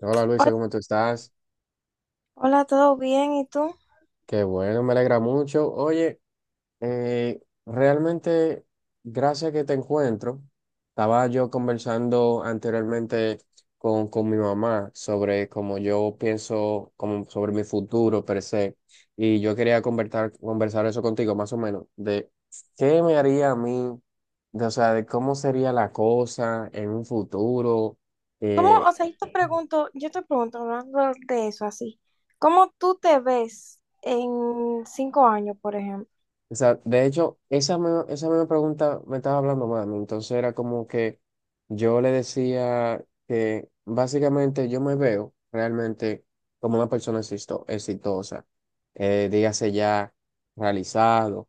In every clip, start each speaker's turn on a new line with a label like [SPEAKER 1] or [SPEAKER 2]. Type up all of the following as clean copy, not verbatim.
[SPEAKER 1] Hola Luisa,
[SPEAKER 2] Hola,
[SPEAKER 1] ¿cómo tú estás?
[SPEAKER 2] hola, ¿todo bien? ¿Y tú?
[SPEAKER 1] Qué bueno, me alegra mucho. Oye, realmente, gracias que te encuentro. Estaba yo conversando anteriormente con mi mamá sobre cómo yo pienso como sobre mi futuro per se. Y yo quería conversar eso contigo, más o menos, de qué me haría a mí, de, o sea, de cómo sería la cosa en un futuro. eh,
[SPEAKER 2] O sea, yo te pregunto, hablando de eso así, ¿cómo tú te ves en 5 años, por ejemplo?
[SPEAKER 1] O sea, de hecho, esa misma pregunta me estaba hablando mami. Entonces era como que yo le decía que básicamente yo me veo realmente como una persona exitosa, dígase ya realizado.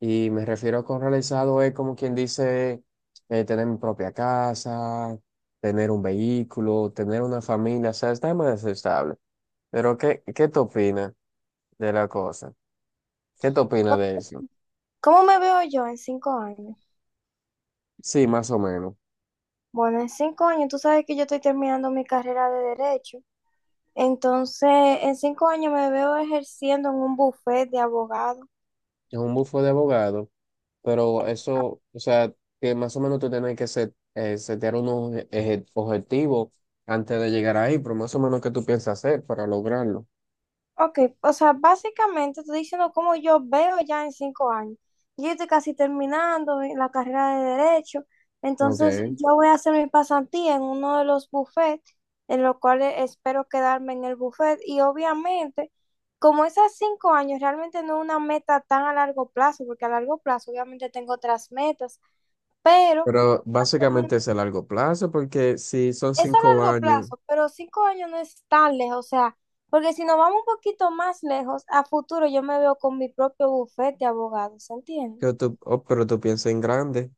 [SPEAKER 1] Y me refiero con realizado es como quien dice tener mi propia casa, tener un vehículo, tener una familia, o sea, está más estable. Pero ¿qué te opinas de la cosa? ¿Qué te opinas de eso?
[SPEAKER 2] ¿Cómo me veo yo en 5 años?
[SPEAKER 1] Sí, más o menos.
[SPEAKER 2] Bueno, en 5 años, tú sabes que yo estoy terminando mi carrera de derecho, entonces en 5 años me veo ejerciendo en un bufete de abogado.
[SPEAKER 1] Es un bufo de abogado, pero eso, o sea, que más o menos tú tienes que setear unos objetivos antes de llegar ahí, pero más o menos qué tú piensas hacer para lograrlo.
[SPEAKER 2] Ok, o sea, básicamente estoy diciendo cómo yo veo ya en 5 años. Yo estoy casi terminando la carrera de Derecho,
[SPEAKER 1] Ok.
[SPEAKER 2] entonces yo voy a hacer mi pasantía en uno de los bufetes, en lo cual espero quedarme en el bufete. Y obviamente, como esas 5 años realmente no es una meta tan a largo plazo, porque a largo plazo obviamente tengo otras metas, pero
[SPEAKER 1] Pero básicamente es a largo plazo, porque si son
[SPEAKER 2] es a
[SPEAKER 1] cinco
[SPEAKER 2] largo
[SPEAKER 1] años,
[SPEAKER 2] plazo, pero 5 años no es tan lejos, o sea, porque si nos vamos un poquito más lejos, a futuro yo me veo con mi propio bufete de abogados, ¿se entiende?
[SPEAKER 1] que tú, oh, pero tú piensas en grande,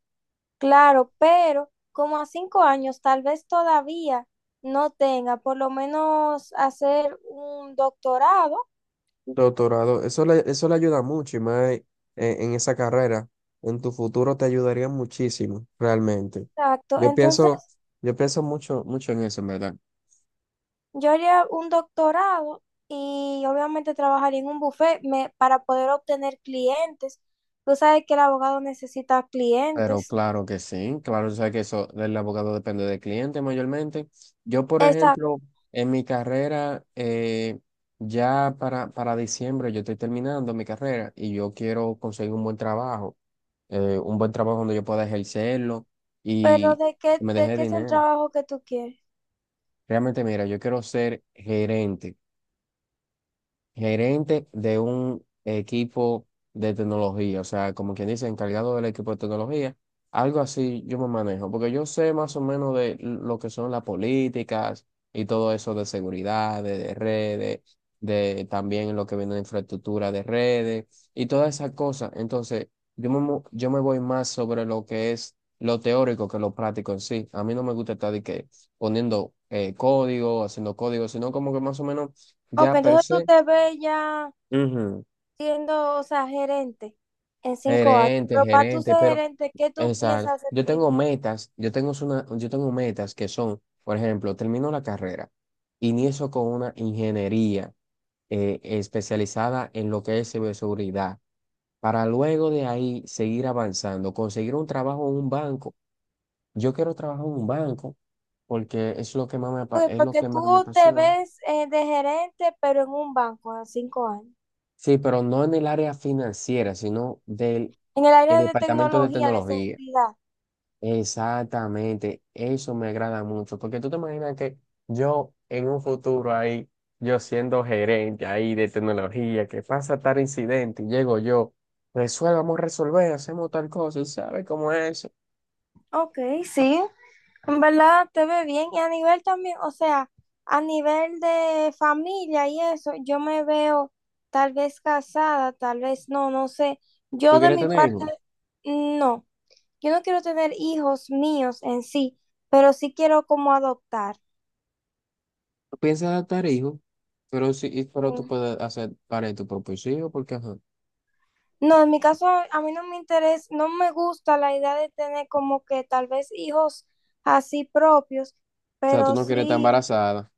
[SPEAKER 2] Claro, pero como a 5 años tal vez todavía no tenga, por lo menos hacer un doctorado,
[SPEAKER 1] doctorado, eso le ayuda mucho y más en esa carrera, en tu futuro te ayudaría muchísimo, realmente.
[SPEAKER 2] exacto.
[SPEAKER 1] Yo
[SPEAKER 2] Entonces
[SPEAKER 1] pienso, yo pienso mucho, mucho en eso, en verdad.
[SPEAKER 2] yo haría un doctorado y obviamente trabajaría en un bufete para poder obtener clientes. Tú sabes que el abogado necesita
[SPEAKER 1] Pero
[SPEAKER 2] clientes.
[SPEAKER 1] claro que sí, claro, tú sabes que eso del abogado depende del cliente mayormente. Yo, por ejemplo, en mi carrera, ya para diciembre yo estoy terminando mi carrera y yo quiero conseguir un buen trabajo donde yo pueda ejercerlo
[SPEAKER 2] Pero
[SPEAKER 1] y me
[SPEAKER 2] de
[SPEAKER 1] deje
[SPEAKER 2] qué es el
[SPEAKER 1] dinero.
[SPEAKER 2] trabajo que tú quieres?
[SPEAKER 1] Realmente, mira, yo quiero ser gerente de un equipo de tecnología, o sea, como quien dice, encargado del equipo de tecnología, algo así yo me manejo, porque yo sé más o menos de lo que son las políticas y todo eso de seguridad, de redes, de también lo que viene de infraestructura de redes y todas esas cosas. Entonces, yo me voy más sobre lo que es lo teórico que lo práctico en sí. A mí no me gusta estar de que poniendo código, haciendo código, sino como que más o menos
[SPEAKER 2] Ok,
[SPEAKER 1] ya per
[SPEAKER 2] entonces tú
[SPEAKER 1] se.
[SPEAKER 2] te ves ya
[SPEAKER 1] Ujú.
[SPEAKER 2] siendo, o sea, gerente en 5 años.
[SPEAKER 1] Gerente,
[SPEAKER 2] Pero para tú
[SPEAKER 1] gerente,
[SPEAKER 2] ser
[SPEAKER 1] pero
[SPEAKER 2] gerente, ¿qué tú
[SPEAKER 1] exacto.
[SPEAKER 2] piensas hacer
[SPEAKER 1] Yo tengo
[SPEAKER 2] primero?
[SPEAKER 1] metas, yo tengo una, yo tengo metas que son, por ejemplo, termino la carrera, inicio con una ingeniería especializada en lo que es ciberseguridad, para luego de ahí seguir avanzando, conseguir un trabajo en un banco. Yo quiero trabajar en un banco porque es lo que más
[SPEAKER 2] Ok,
[SPEAKER 1] es lo
[SPEAKER 2] porque
[SPEAKER 1] que más me
[SPEAKER 2] tú te
[SPEAKER 1] apasiona.
[SPEAKER 2] ves de gerente, pero en un banco a 5 años.
[SPEAKER 1] Sí, pero no en el área financiera, sino del
[SPEAKER 2] En el
[SPEAKER 1] el
[SPEAKER 2] área de
[SPEAKER 1] departamento de
[SPEAKER 2] tecnología, de
[SPEAKER 1] tecnología.
[SPEAKER 2] seguridad.
[SPEAKER 1] Exactamente, eso me agrada mucho, porque tú te imaginas que yo en un futuro ahí, yo siendo gerente ahí de tecnología, que pasa tal incidente y llego yo, resuelva, vamos a resolver, hacemos tal cosa, y sabes cómo es eso.
[SPEAKER 2] Ok, sí. En verdad te ve bien y a nivel también, o sea, a nivel de familia y eso, yo me veo tal vez casada, tal vez no, no sé.
[SPEAKER 1] ¿Tú
[SPEAKER 2] Yo de
[SPEAKER 1] quieres
[SPEAKER 2] mi
[SPEAKER 1] tener
[SPEAKER 2] parte,
[SPEAKER 1] hijos?
[SPEAKER 2] no, yo no quiero tener hijos míos en sí, pero sí quiero como adoptar.
[SPEAKER 1] ¿Tú piensas adoptar hijos? Pero sí, pero tú
[SPEAKER 2] Sí.
[SPEAKER 1] puedes hacer para tu propio hijo, porque ajá.
[SPEAKER 2] No, en mi caso a mí no me interesa, no me gusta la idea de tener como que tal vez hijos así propios,
[SPEAKER 1] O sea, tú
[SPEAKER 2] pero
[SPEAKER 1] no quieres estar
[SPEAKER 2] sí.
[SPEAKER 1] embarazada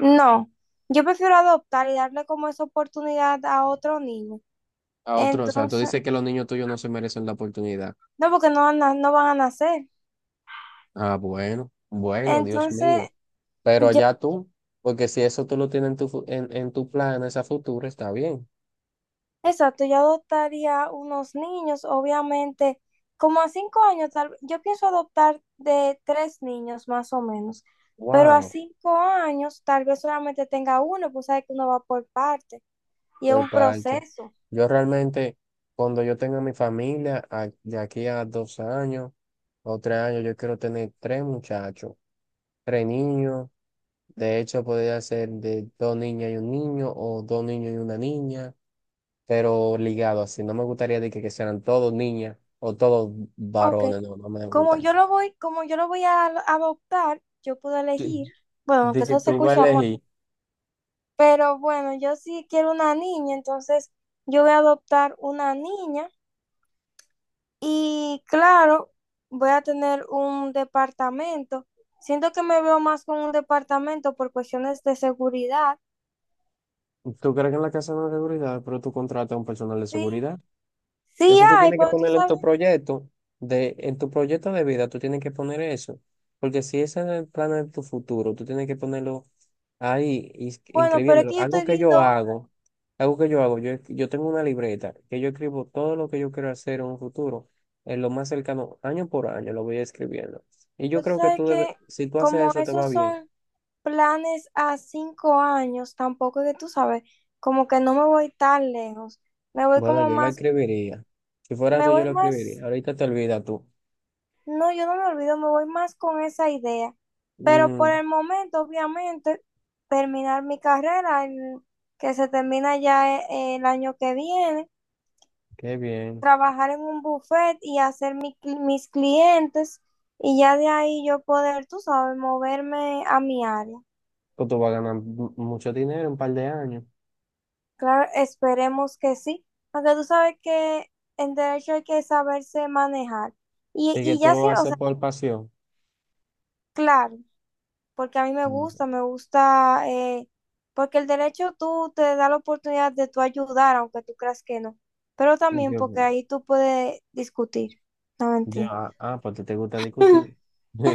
[SPEAKER 2] No, yo prefiero adoptar y darle como esa oportunidad a otro niño.
[SPEAKER 1] a otro, o sea, tú
[SPEAKER 2] Entonces,
[SPEAKER 1] dices que los niños tuyos no se merecen la oportunidad.
[SPEAKER 2] no, porque no, no van a nacer.
[SPEAKER 1] Ah, bueno, bueno, Dios mío.
[SPEAKER 2] Entonces,
[SPEAKER 1] Pero
[SPEAKER 2] yo,
[SPEAKER 1] ya tú, porque si eso tú lo tienes en tu, fu- en tu plan, esa futura, está bien.
[SPEAKER 2] exacto, yo adoptaría unos niños, obviamente, como a 5 años, tal vez- yo pienso adoptar de tres niños más o menos, pero a
[SPEAKER 1] Wow,
[SPEAKER 2] 5 años tal vez solamente tenga uno, pues sabe que uno va por parte y es
[SPEAKER 1] por
[SPEAKER 2] un
[SPEAKER 1] parte.
[SPEAKER 2] proceso.
[SPEAKER 1] Yo realmente, cuando yo tenga mi familia, de aquí a 2 años o 3 años, yo quiero tener tres muchachos, tres niños. De hecho, podría ser de dos niñas y un niño, o dos niños y una niña, pero ligado así. No me gustaría de que sean todos niñas o todos
[SPEAKER 2] Ok,
[SPEAKER 1] varones, no, no me gusta.
[SPEAKER 2] Como yo lo voy a adoptar, yo puedo elegir, bueno, que
[SPEAKER 1] De que
[SPEAKER 2] eso se
[SPEAKER 1] tú vas a
[SPEAKER 2] escucha amor,
[SPEAKER 1] elegir.
[SPEAKER 2] pero bueno, yo sí quiero una niña, entonces yo voy a adoptar una niña y claro, voy a tener un departamento. Siento que me veo más con un departamento por cuestiones de seguridad.
[SPEAKER 1] Tú crees que en la casa no hay seguridad, pero tú contratas a un personal de
[SPEAKER 2] Sí,
[SPEAKER 1] seguridad.
[SPEAKER 2] sí
[SPEAKER 1] Eso tú
[SPEAKER 2] hay,
[SPEAKER 1] tienes que
[SPEAKER 2] pero tú
[SPEAKER 1] ponerlo en
[SPEAKER 2] sabes,
[SPEAKER 1] tu proyecto de vida, tú tienes que poner eso. Porque si ese es el plan de tu futuro, tú tienes que ponerlo ahí,
[SPEAKER 2] bueno, pero es
[SPEAKER 1] inscribiéndolo.
[SPEAKER 2] que yo estoy viendo.
[SPEAKER 1] Algo que yo hago, yo tengo una libreta que yo escribo todo lo que yo quiero hacer en un futuro, en lo más cercano, año por año, lo voy escribiendo. Y yo
[SPEAKER 2] Pero tú
[SPEAKER 1] creo que
[SPEAKER 2] sabes
[SPEAKER 1] tú debes,
[SPEAKER 2] que
[SPEAKER 1] si tú haces
[SPEAKER 2] como
[SPEAKER 1] eso, te va
[SPEAKER 2] esos
[SPEAKER 1] bien.
[SPEAKER 2] son planes a 5 años, tampoco es que tú sabes, como que no me voy tan lejos, me voy
[SPEAKER 1] Bueno,
[SPEAKER 2] como
[SPEAKER 1] yo lo
[SPEAKER 2] más,
[SPEAKER 1] escribiría. Si fuera
[SPEAKER 2] me
[SPEAKER 1] tú, yo
[SPEAKER 2] voy
[SPEAKER 1] lo
[SPEAKER 2] más,
[SPEAKER 1] escribiría. Ahorita te olvidas tú.
[SPEAKER 2] no, yo no me olvido, me voy más con esa idea. Pero por
[SPEAKER 1] Mm.
[SPEAKER 2] el momento, obviamente, terminar mi carrera, que se termina ya el año que viene,
[SPEAKER 1] Qué bien.
[SPEAKER 2] trabajar en un buffet y hacer mis clientes y ya de ahí yo poder, tú sabes, moverme a mi área.
[SPEAKER 1] Pues tú vas a ganar mucho dinero en un par de años.
[SPEAKER 2] Claro, esperemos que sí. Aunque tú sabes que en derecho hay que saberse manejar. Y,
[SPEAKER 1] Y que
[SPEAKER 2] y
[SPEAKER 1] tú
[SPEAKER 2] ya
[SPEAKER 1] lo
[SPEAKER 2] sí,
[SPEAKER 1] vas
[SPEAKER 2] o
[SPEAKER 1] a
[SPEAKER 2] sea,
[SPEAKER 1] hacer por pasión.
[SPEAKER 2] claro, porque a mí
[SPEAKER 1] Mm.
[SPEAKER 2] me gusta, porque el derecho tú te da la oportunidad de tú ayudar, aunque tú creas que no. Pero también
[SPEAKER 1] Yo,
[SPEAKER 2] porque ahí tú puedes discutir, no
[SPEAKER 1] yo,
[SPEAKER 2] mentir.
[SPEAKER 1] ah, ah, porque te gusta discutir.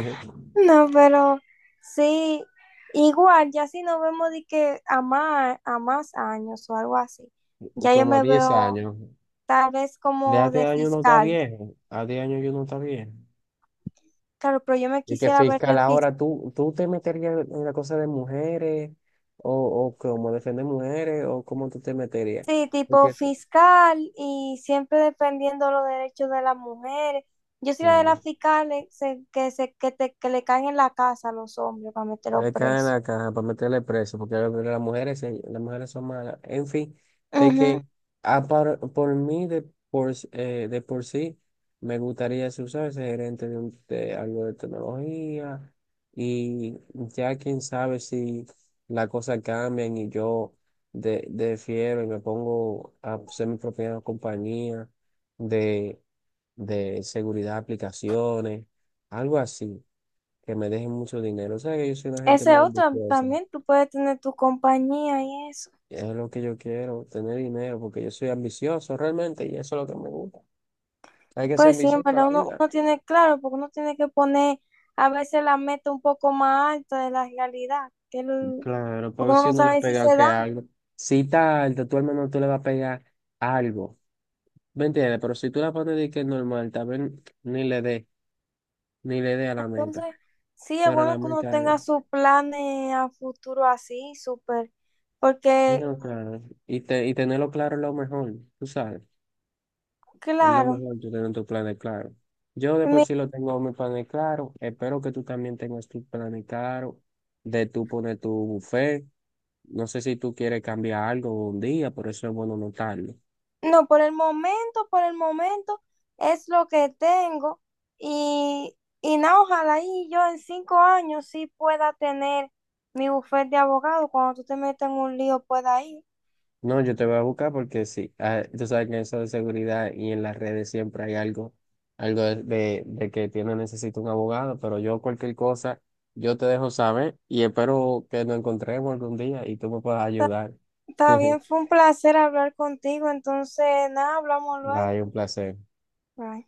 [SPEAKER 2] No, pero sí, igual, ya si nos vemos de que a más años o algo así, ya yo
[SPEAKER 1] Como a
[SPEAKER 2] me
[SPEAKER 1] 10
[SPEAKER 2] veo
[SPEAKER 1] años.
[SPEAKER 2] tal vez
[SPEAKER 1] De a
[SPEAKER 2] como
[SPEAKER 1] 10
[SPEAKER 2] de
[SPEAKER 1] años no está
[SPEAKER 2] fiscal.
[SPEAKER 1] viejo. A 10 años yo no está viejo.
[SPEAKER 2] Claro, pero yo me
[SPEAKER 1] Y que
[SPEAKER 2] quisiera ver de
[SPEAKER 1] fiscal,
[SPEAKER 2] fiscal.
[SPEAKER 1] ahora tú te meterías en la cosa de mujeres o cómo defender mujeres o cómo tú te meterías.
[SPEAKER 2] Sí, tipo
[SPEAKER 1] Porque, es-
[SPEAKER 2] fiscal y siempre defendiendo los derechos de las mujeres. Yo soy la de
[SPEAKER 1] eh,
[SPEAKER 2] las fiscales que le caen en la casa a los hombres para meterlos
[SPEAKER 1] Le caen
[SPEAKER 2] presos.
[SPEAKER 1] la caja para meterle preso, porque las mujeres, las mujeres son malas. En fin, de que
[SPEAKER 2] Ujú.
[SPEAKER 1] por mí, de por sí, me gustaría ser, ¿sabes? Ser gerente de algo de tecnología. Y ya quién sabe si las cosas cambian y yo defiero y me pongo a ser mi propia compañía de, de, seguridad de aplicaciones, algo así que me dejen mucho dinero. O sea que yo soy una gente
[SPEAKER 2] Ese
[SPEAKER 1] muy
[SPEAKER 2] otro
[SPEAKER 1] ambiciosa.
[SPEAKER 2] también, tú puedes tener tu compañía y eso.
[SPEAKER 1] Es lo que yo quiero, tener dinero, porque yo soy ambicioso realmente y eso es lo que me gusta. Hay que ser
[SPEAKER 2] Pues sí, en
[SPEAKER 1] ambicioso en la
[SPEAKER 2] verdad uno,
[SPEAKER 1] vida.
[SPEAKER 2] uno tiene claro, porque uno tiene que poner a veces la meta un poco más alta de la realidad,
[SPEAKER 1] Claro, para
[SPEAKER 2] porque
[SPEAKER 1] ver
[SPEAKER 2] uno
[SPEAKER 1] si
[SPEAKER 2] no
[SPEAKER 1] uno le
[SPEAKER 2] sabe si
[SPEAKER 1] pega
[SPEAKER 2] se
[SPEAKER 1] que
[SPEAKER 2] da.
[SPEAKER 1] algo. Si tarde, tú al menos tú le vas a pegar algo. ¿Me entiendes? Pero si tú la pones de que es normal, tal vez ni le dé, ni le dé a la meta.
[SPEAKER 2] Entonces, sí es
[SPEAKER 1] Pero la
[SPEAKER 2] bueno que uno
[SPEAKER 1] meta es.
[SPEAKER 2] tenga sus planes a futuro así, súper, porque,
[SPEAKER 1] No, claro. Y tenerlo claro es lo mejor, tú sabes. Es lo
[SPEAKER 2] claro,
[SPEAKER 1] mejor tú tener tus planes claros. Yo de por
[SPEAKER 2] mi-
[SPEAKER 1] sí lo tengo mis planes claros. Espero que tú también tengas tus planes claros de tú poner tu buffet. No sé si tú quieres cambiar algo un día, por eso es bueno notarlo.
[SPEAKER 2] no, por el momento es lo que tengo y nada, ojalá y yo en 5 años sí pueda tener mi bufete de abogado, cuando tú te metas en un lío pueda ir.
[SPEAKER 1] No, yo te voy a buscar porque sí, tú sabes que en eso de seguridad y en las redes siempre hay algo, algo de que tiene necesito un abogado, pero yo cualquier cosa, yo te dejo saber y espero que nos encontremos algún día y tú me puedas ayudar.
[SPEAKER 2] Está bien, fue un placer hablar contigo, entonces, nada, hablamos luego.
[SPEAKER 1] Bye, un placer.
[SPEAKER 2] Bye.